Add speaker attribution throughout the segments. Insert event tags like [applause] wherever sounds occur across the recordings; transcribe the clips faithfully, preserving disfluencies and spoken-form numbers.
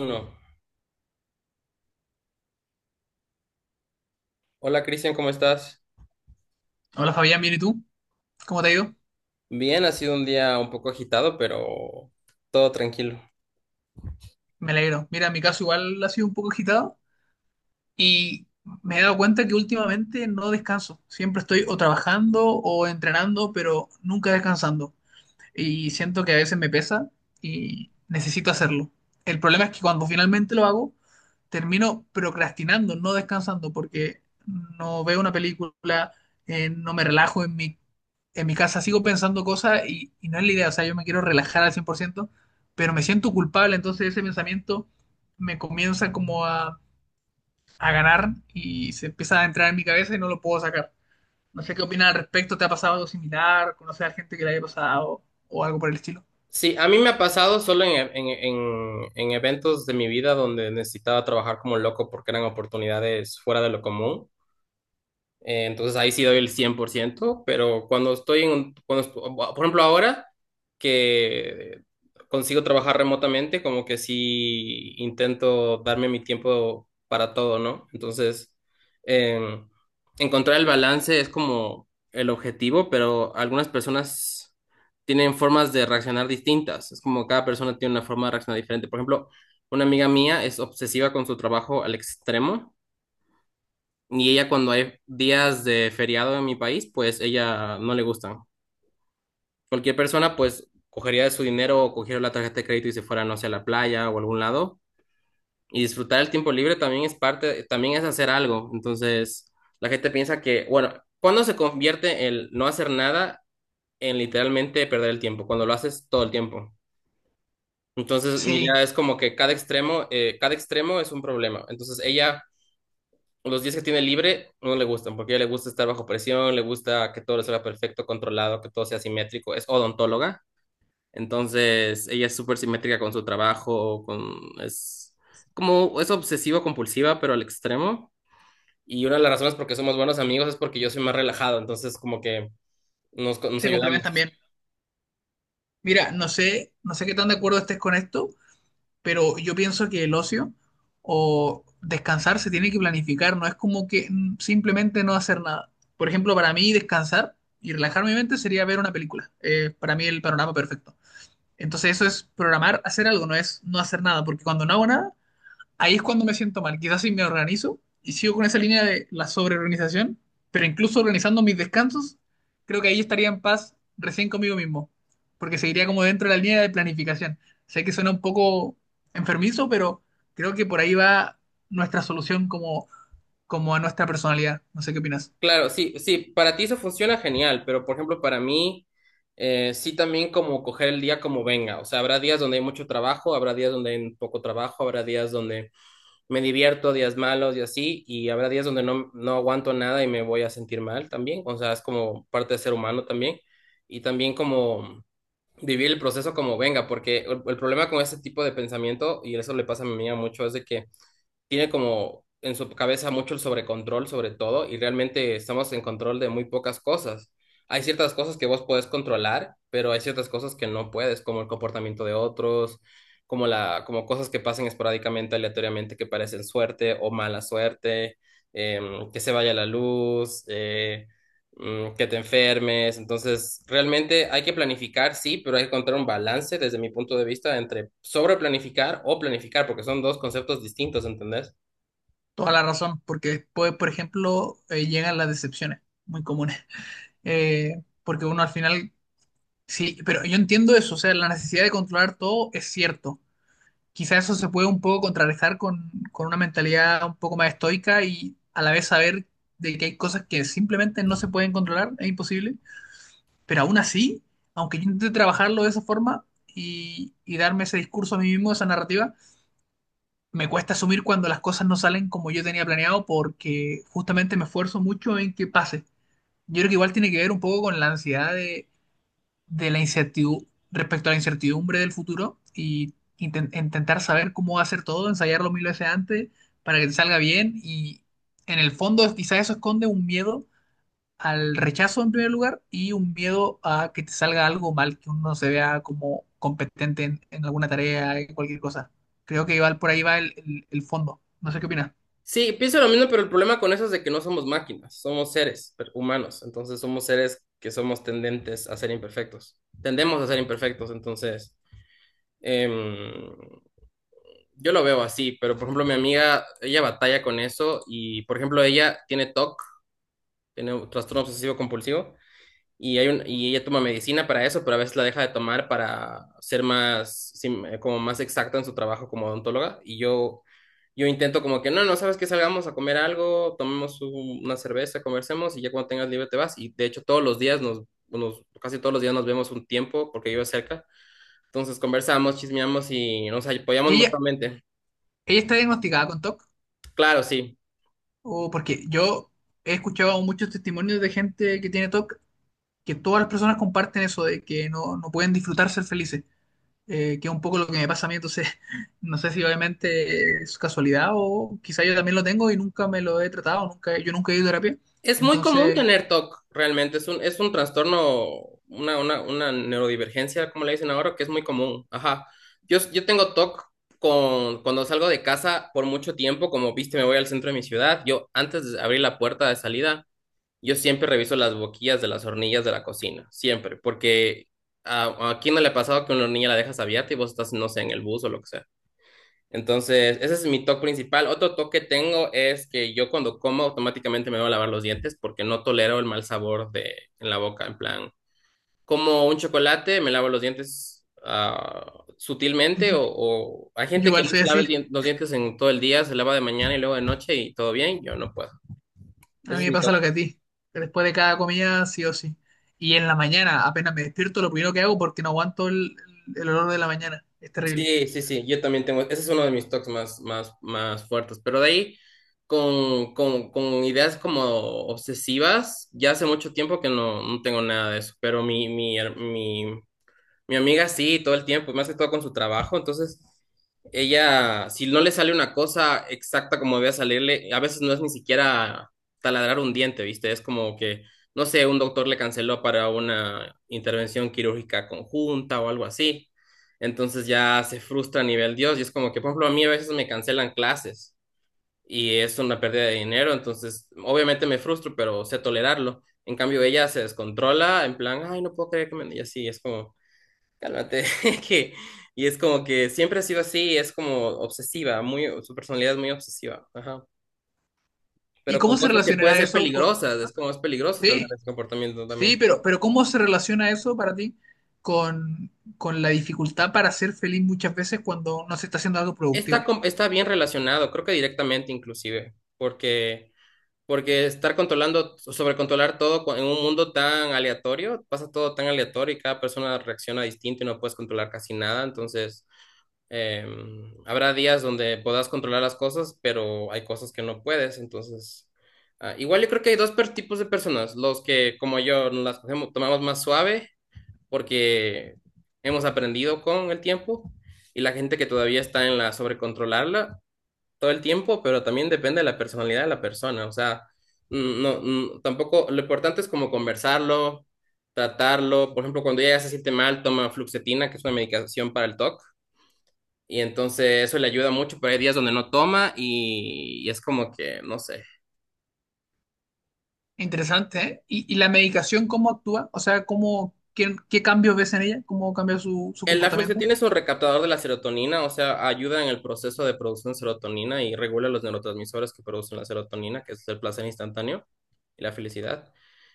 Speaker 1: Uno. Hola Cristian, ¿cómo estás?
Speaker 2: Hola Fabián, bien, ¿y tú? ¿Cómo te ha ido?
Speaker 1: Bien, ha sido un día un poco agitado, pero todo tranquilo.
Speaker 2: Me alegro. Mira, mi caso igual ha sido un poco agitado y me he dado cuenta que últimamente no descanso. Siempre estoy o trabajando o entrenando, pero nunca descansando. Y siento que a veces me pesa y necesito hacerlo. El problema es que cuando finalmente lo hago, termino procrastinando, no descansando, porque no veo una película, eh, no me relajo en mi, en mi casa, sigo pensando cosas y, y no es la idea, o sea, yo me quiero relajar al cien por ciento, pero me siento culpable, entonces ese pensamiento me comienza como a, a ganar y se empieza a entrar en mi cabeza y no lo puedo sacar. No sé qué opinas al respecto, ¿te ha pasado algo similar? ¿Conoces a gente que le haya pasado o algo por el estilo?
Speaker 1: Sí, a mí me ha pasado solo en, en, en, en eventos de mi vida donde necesitaba trabajar como loco porque eran oportunidades fuera de lo común. Eh, entonces ahí sí doy el cien por ciento, pero cuando estoy en, un- cuando, est- por ejemplo, ahora que consigo trabajar remotamente, como que sí intento darme mi tiempo para todo, ¿no? Entonces, eh, encontrar el balance es como el objetivo, pero algunas personas tienen formas de reaccionar distintas. Es como cada persona tiene una forma de reaccionar diferente. Por ejemplo, una amiga mía es obsesiva con su trabajo al extremo, y ella cuando hay días de feriado en mi país, pues ella no le gustan. Cualquier persona pues cogería su dinero o cogiera la tarjeta de crédito y se fuera, no sé, a la playa o a algún lado. Y disfrutar el tiempo libre también es parte, también es hacer algo. Entonces, la gente piensa que, bueno, ¿cuándo se convierte el no hacer nada en literalmente perder el tiempo? Cuando lo haces todo el tiempo. Entonces, mi
Speaker 2: Sí,
Speaker 1: idea es como que cada extremo, eh, cada extremo es un problema. Entonces, ella los días que tiene libre no le gustan, porque a ella le gusta estar bajo presión, le gusta que todo le salga perfecto, controlado, que todo sea simétrico. Es odontóloga, entonces ella es súper simétrica con su trabajo, con, es como, es obsesivo compulsiva, pero al extremo. Y una de las razones por qué somos buenos amigos es porque yo soy más relajado, entonces como que nos, nos
Speaker 2: se complementan
Speaker 1: ayudamos.
Speaker 2: bien. Mira, no sé, no sé qué tan de acuerdo estés con esto, pero yo pienso que el ocio o descansar se tiene que planificar, no es como que mm, simplemente no hacer nada. Por ejemplo, para mí descansar y relajar mi mente sería ver una película. Eh, para mí el panorama perfecto. Entonces eso es programar hacer algo, no es no hacer nada, porque cuando no hago nada, ahí es cuando me siento mal. Quizás si me organizo y sigo con esa línea de la sobreorganización, pero incluso organizando mis descansos, creo que ahí estaría en paz recién conmigo mismo, porque seguiría como dentro de la línea de planificación. Sé que suena un poco enfermizo, pero creo que por ahí va nuestra solución como, como a nuestra personalidad. No sé qué opinas.
Speaker 1: Claro, sí, sí, para ti eso funciona genial, pero por ejemplo, para mí, eh, sí también como coger el día como venga, o sea, habrá días donde hay mucho trabajo, habrá días donde hay poco trabajo, habrá días donde me divierto, días malos y así, y habrá días donde no, no aguanto nada y me voy a sentir mal también, o sea, es como parte de ser humano también, y también como vivir el proceso como venga, porque el, el problema con ese tipo de pensamiento, y eso le pasa a mi amiga mucho, es de que tiene como en su cabeza mucho el sobrecontrol sobre todo y realmente estamos en control de muy pocas cosas. Hay ciertas cosas que vos podés controlar, pero hay ciertas cosas que no puedes, como el comportamiento de otros, como la, como cosas que pasen esporádicamente, aleatoriamente, que parecen suerte o mala suerte, em, que se vaya la luz, eh, mm, que te enfermes. Entonces, realmente hay que planificar, sí, pero hay que encontrar un balance desde mi punto de vista entre sobreplanificar o planificar, porque son dos conceptos distintos, ¿entendés?
Speaker 2: Toda la razón, porque después, por ejemplo, eh, llegan las decepciones, muy comunes. [laughs] Eh, porque uno al final, sí, pero yo entiendo eso, o sea, la necesidad de controlar todo es cierto. Quizás eso se puede un poco contrarrestar con, con una mentalidad un poco más estoica, y a la vez saber de que hay cosas que simplemente no se pueden controlar, es imposible. Pero aún así, aunque yo intente trabajarlo de esa forma y, y darme ese discurso a mí mismo, esa narrativa, me cuesta asumir cuando las cosas no salen como yo tenía planeado, porque justamente me esfuerzo mucho en que pase. Yo creo que igual tiene que ver un poco con la ansiedad de la incertidumbre, respecto a la incertidumbre del futuro, y inten- intentar saber cómo va a ser todo, ensayarlo mil veces antes para que te salga bien, y en el fondo quizás eso esconde un miedo al rechazo en primer lugar, y un miedo a que te salga algo mal, que uno no se vea como competente en, en alguna tarea, en cualquier cosa. Creo que va- por ahí va el, el- el fondo. No sé qué opinas.
Speaker 1: Sí, pienso lo mismo, pero el problema con eso es de que no somos máquinas, somos seres per- humanos, entonces somos seres que somos tendentes a ser imperfectos, tendemos a ser imperfectos, entonces em, yo lo veo así, pero por ejemplo mi amiga, ella batalla con eso y por ejemplo ella tiene T O C, tiene un trastorno obsesivo compulsivo y, hay un, y ella toma medicina para eso, pero a veces la deja de tomar para ser más, sim- eh, como más exacta en su trabajo como odontóloga. Y yo, yo intento como que, no, no, sabes que salgamos a comer algo, tomemos un- una cerveza, conversemos y ya cuando tengas libre te vas. Y de hecho todos los días nos, nos- casi todos los días nos vemos un tiempo porque vive cerca. Entonces conversamos, chismeamos y nos
Speaker 2: ¿Y
Speaker 1: apoyamos
Speaker 2: ella,
Speaker 1: mutuamente.
Speaker 2: ella está diagnosticada con T O C? ¿O C?
Speaker 1: Claro, sí.
Speaker 2: ¿O porque yo he escuchado muchos testimonios de gente que tiene T O C, que todas las personas comparten eso de que no, no pueden disfrutar ser felices, eh, que es un poco lo que me pasa a mí? Entonces [laughs] no sé si obviamente es casualidad o quizá yo también lo tengo y nunca me lo he tratado, nunca, yo nunca he ido a terapia,
Speaker 1: Es muy común
Speaker 2: entonces
Speaker 1: tener T O C, realmente. Es un, es un trastorno, una, una, una neurodivergencia, como le dicen ahora, que es muy común. Ajá. Yo, yo tengo T O C con, cuando salgo de casa por mucho tiempo, como viste, me voy al centro de mi ciudad. Yo, antes de abrir la puerta de salida, yo siempre reviso las boquillas de las hornillas de la cocina, siempre, porque a, a quién no le ha pasado que una hornilla la dejas abierta y vos estás, no sé, en el bus o lo que sea. Entonces, ese es mi toque principal. Otro toque que tengo es que yo cuando como automáticamente me voy a lavar los dientes porque no tolero el mal sabor de en la boca. En plan, como un chocolate, me lavo los dientes ah,
Speaker 2: [laughs]
Speaker 1: sutilmente o,
Speaker 2: yo
Speaker 1: o hay gente que
Speaker 2: igual
Speaker 1: no
Speaker 2: soy
Speaker 1: se lava
Speaker 2: así,
Speaker 1: el dien- los dientes en todo el día, se lava de mañana y luego de noche y todo bien. Yo no puedo.
Speaker 2: a
Speaker 1: Ese
Speaker 2: mí
Speaker 1: es
Speaker 2: me
Speaker 1: mi
Speaker 2: pasa lo
Speaker 1: toque.
Speaker 2: que a ti, que después de cada comida sí o sí, y en la mañana apenas me despierto lo primero que hago, porque no aguanto el, el olor de la mañana, es terrible.
Speaker 1: Sí, sí, sí, yo también tengo, ese es uno de mis toques más, más, más fuertes, pero de ahí con, con, con ideas como obsesivas, ya hace mucho tiempo que no, no tengo nada de eso, pero mi, mi, her- mi, mi amiga sí, todo el tiempo, y más que todo con su trabajo. Entonces, ella, si no le sale una cosa exacta como debe salirle, a veces no es ni siquiera taladrar un diente, ¿viste? Es como que, no sé, un doctor le canceló para una intervención quirúrgica conjunta o algo así. Entonces ya se frustra a nivel Dios y es como que, por ejemplo, a mí a veces me cancelan clases y es una pérdida de dinero, entonces obviamente me frustro, pero sé tolerarlo. En cambio, ella se descontrola en plan, ay, no puedo creer que me… Y así es como… Cálmate, [laughs] que, y es como que siempre ha sido así, es como obsesiva, muy, su personalidad es muy obsesiva, ajá.
Speaker 2: ¿Y
Speaker 1: Pero con
Speaker 2: cómo se
Speaker 1: cosas que pueden
Speaker 2: relacionará
Speaker 1: ser
Speaker 2: eso con—?
Speaker 1: peligrosas, es como es peligroso tener
Speaker 2: Sí,
Speaker 1: ese comportamiento
Speaker 2: sí,
Speaker 1: también.
Speaker 2: pero, pero ¿cómo se relaciona eso para ti con, con la dificultad para ser feliz muchas veces cuando no se está haciendo algo
Speaker 1: Está,
Speaker 2: productivo?
Speaker 1: com- está bien relacionado, creo que directamente inclusive, porque, porque estar controlando, so, sobrecontrolar todo con- en un mundo tan aleatorio, pasa todo tan aleatorio y cada persona reacciona distinto y no puedes controlar casi nada, entonces Eh, habrá días donde puedas controlar las cosas, pero hay cosas que no puedes, entonces… ah, igual yo creo que hay dos per- tipos de personas, los que como yo nos las cogemos- tomamos más suave porque hemos aprendido con el tiempo y la gente que todavía está en la sobrecontrolarla todo el tiempo, pero también depende de la personalidad de la persona, o sea, mm, no, mm, tampoco, lo importante es como conversarlo, tratarlo, por ejemplo, cuando ella ya se siente mal, toma fluoxetina, que es una medicación para el T O C y entonces eso le ayuda mucho, pero hay días donde no toma y, y es como que, no sé.
Speaker 2: Interesante, ¿eh? ¿Y, y la medicación cómo actúa? O sea, ¿cómo, qué, qué cambios ves en ella? ¿Cómo cambia su, su
Speaker 1: El
Speaker 2: comportamiento?
Speaker 1: afloxetina es un recaptador de la serotonina, o sea, ayuda en el proceso de producción de serotonina y regula los neurotransmisores que producen la serotonina, que es el placer instantáneo y la felicidad.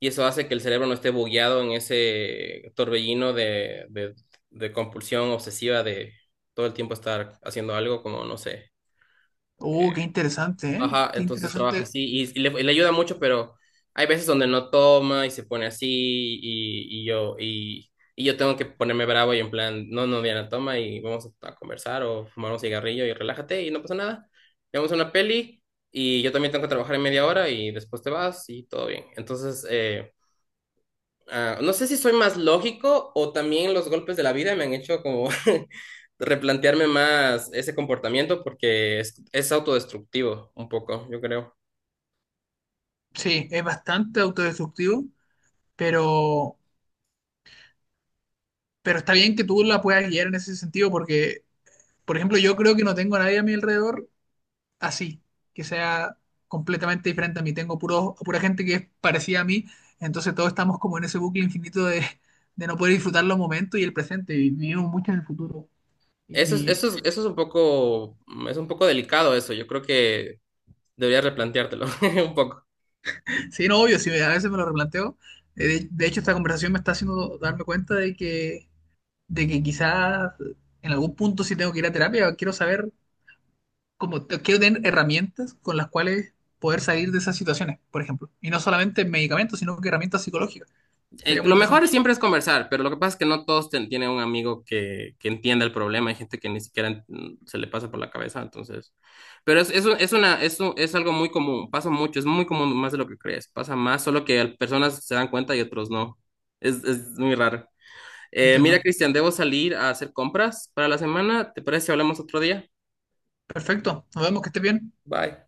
Speaker 1: Y eso hace que el cerebro no esté bugueado en ese torbellino de, de, de compulsión obsesiva de todo el tiempo estar haciendo algo como, no sé,
Speaker 2: Oh, qué interesante, ¿eh?
Speaker 1: ajá,
Speaker 2: Qué
Speaker 1: entonces trabaja
Speaker 2: interesante.
Speaker 1: así y, y le, y le ayuda mucho, pero hay veces donde no toma y se pone así y, y yo y, y yo tengo que ponerme bravo y en plan, no, no, Diana, toma y vamos a conversar o fumar un cigarrillo y relájate y no pasa nada. Vemos una peli y yo también tengo que trabajar en media hora y después te vas y todo bien. Entonces, eh, ah, no sé si soy más lógico o también los golpes de la vida me han hecho como [laughs] replantearme más ese comportamiento porque es, es autodestructivo un poco, yo creo.
Speaker 2: Sí, es bastante autodestructivo, pero, pero está bien que tú la puedas guiar en ese sentido, porque, por ejemplo, yo creo que no tengo a nadie a mi alrededor así, que sea completamente diferente a mí. Tengo puro, pura gente que es parecida a mí, entonces todos estamos como en ese bucle infinito de, de no poder disfrutar los momentos y el presente, y vivimos mucho en el futuro.
Speaker 1: Eso es,
Speaker 2: Y
Speaker 1: eso es, eso es un poco, es un poco delicado eso. Yo creo que deberías replanteártelo [laughs] un poco.
Speaker 2: sí, no, obvio, sí, a veces me lo replanteo. Eh, De, de hecho, esta conversación me está haciendo darme cuenta de que, de que quizás en algún punto si tengo que ir a terapia. Quiero saber cómo, quiero tener herramientas con las cuales poder salir de esas situaciones, por ejemplo. Y no solamente medicamentos, sino que herramientas psicológicas.
Speaker 1: Eh,
Speaker 2: Sería muy
Speaker 1: lo mejor
Speaker 2: interesante.
Speaker 1: siempre es conversar, pero lo que pasa es que no todos ten- tienen un amigo que, que entienda el problema. Hay gente que ni siquiera mm, se le pasa por la cabeza, entonces. Pero es, es, un- es una, es un- es algo muy común, pasa mucho, es muy común, más de lo que crees. Pasa más, solo que al- personas se dan cuenta y otros no. Es, es muy raro. Eh, mira,
Speaker 2: Entiendo.
Speaker 1: Cristian, debo salir a hacer compras para la semana. ¿Te parece si hablamos otro día?
Speaker 2: Perfecto, nos vemos, que esté bien.
Speaker 1: Bye.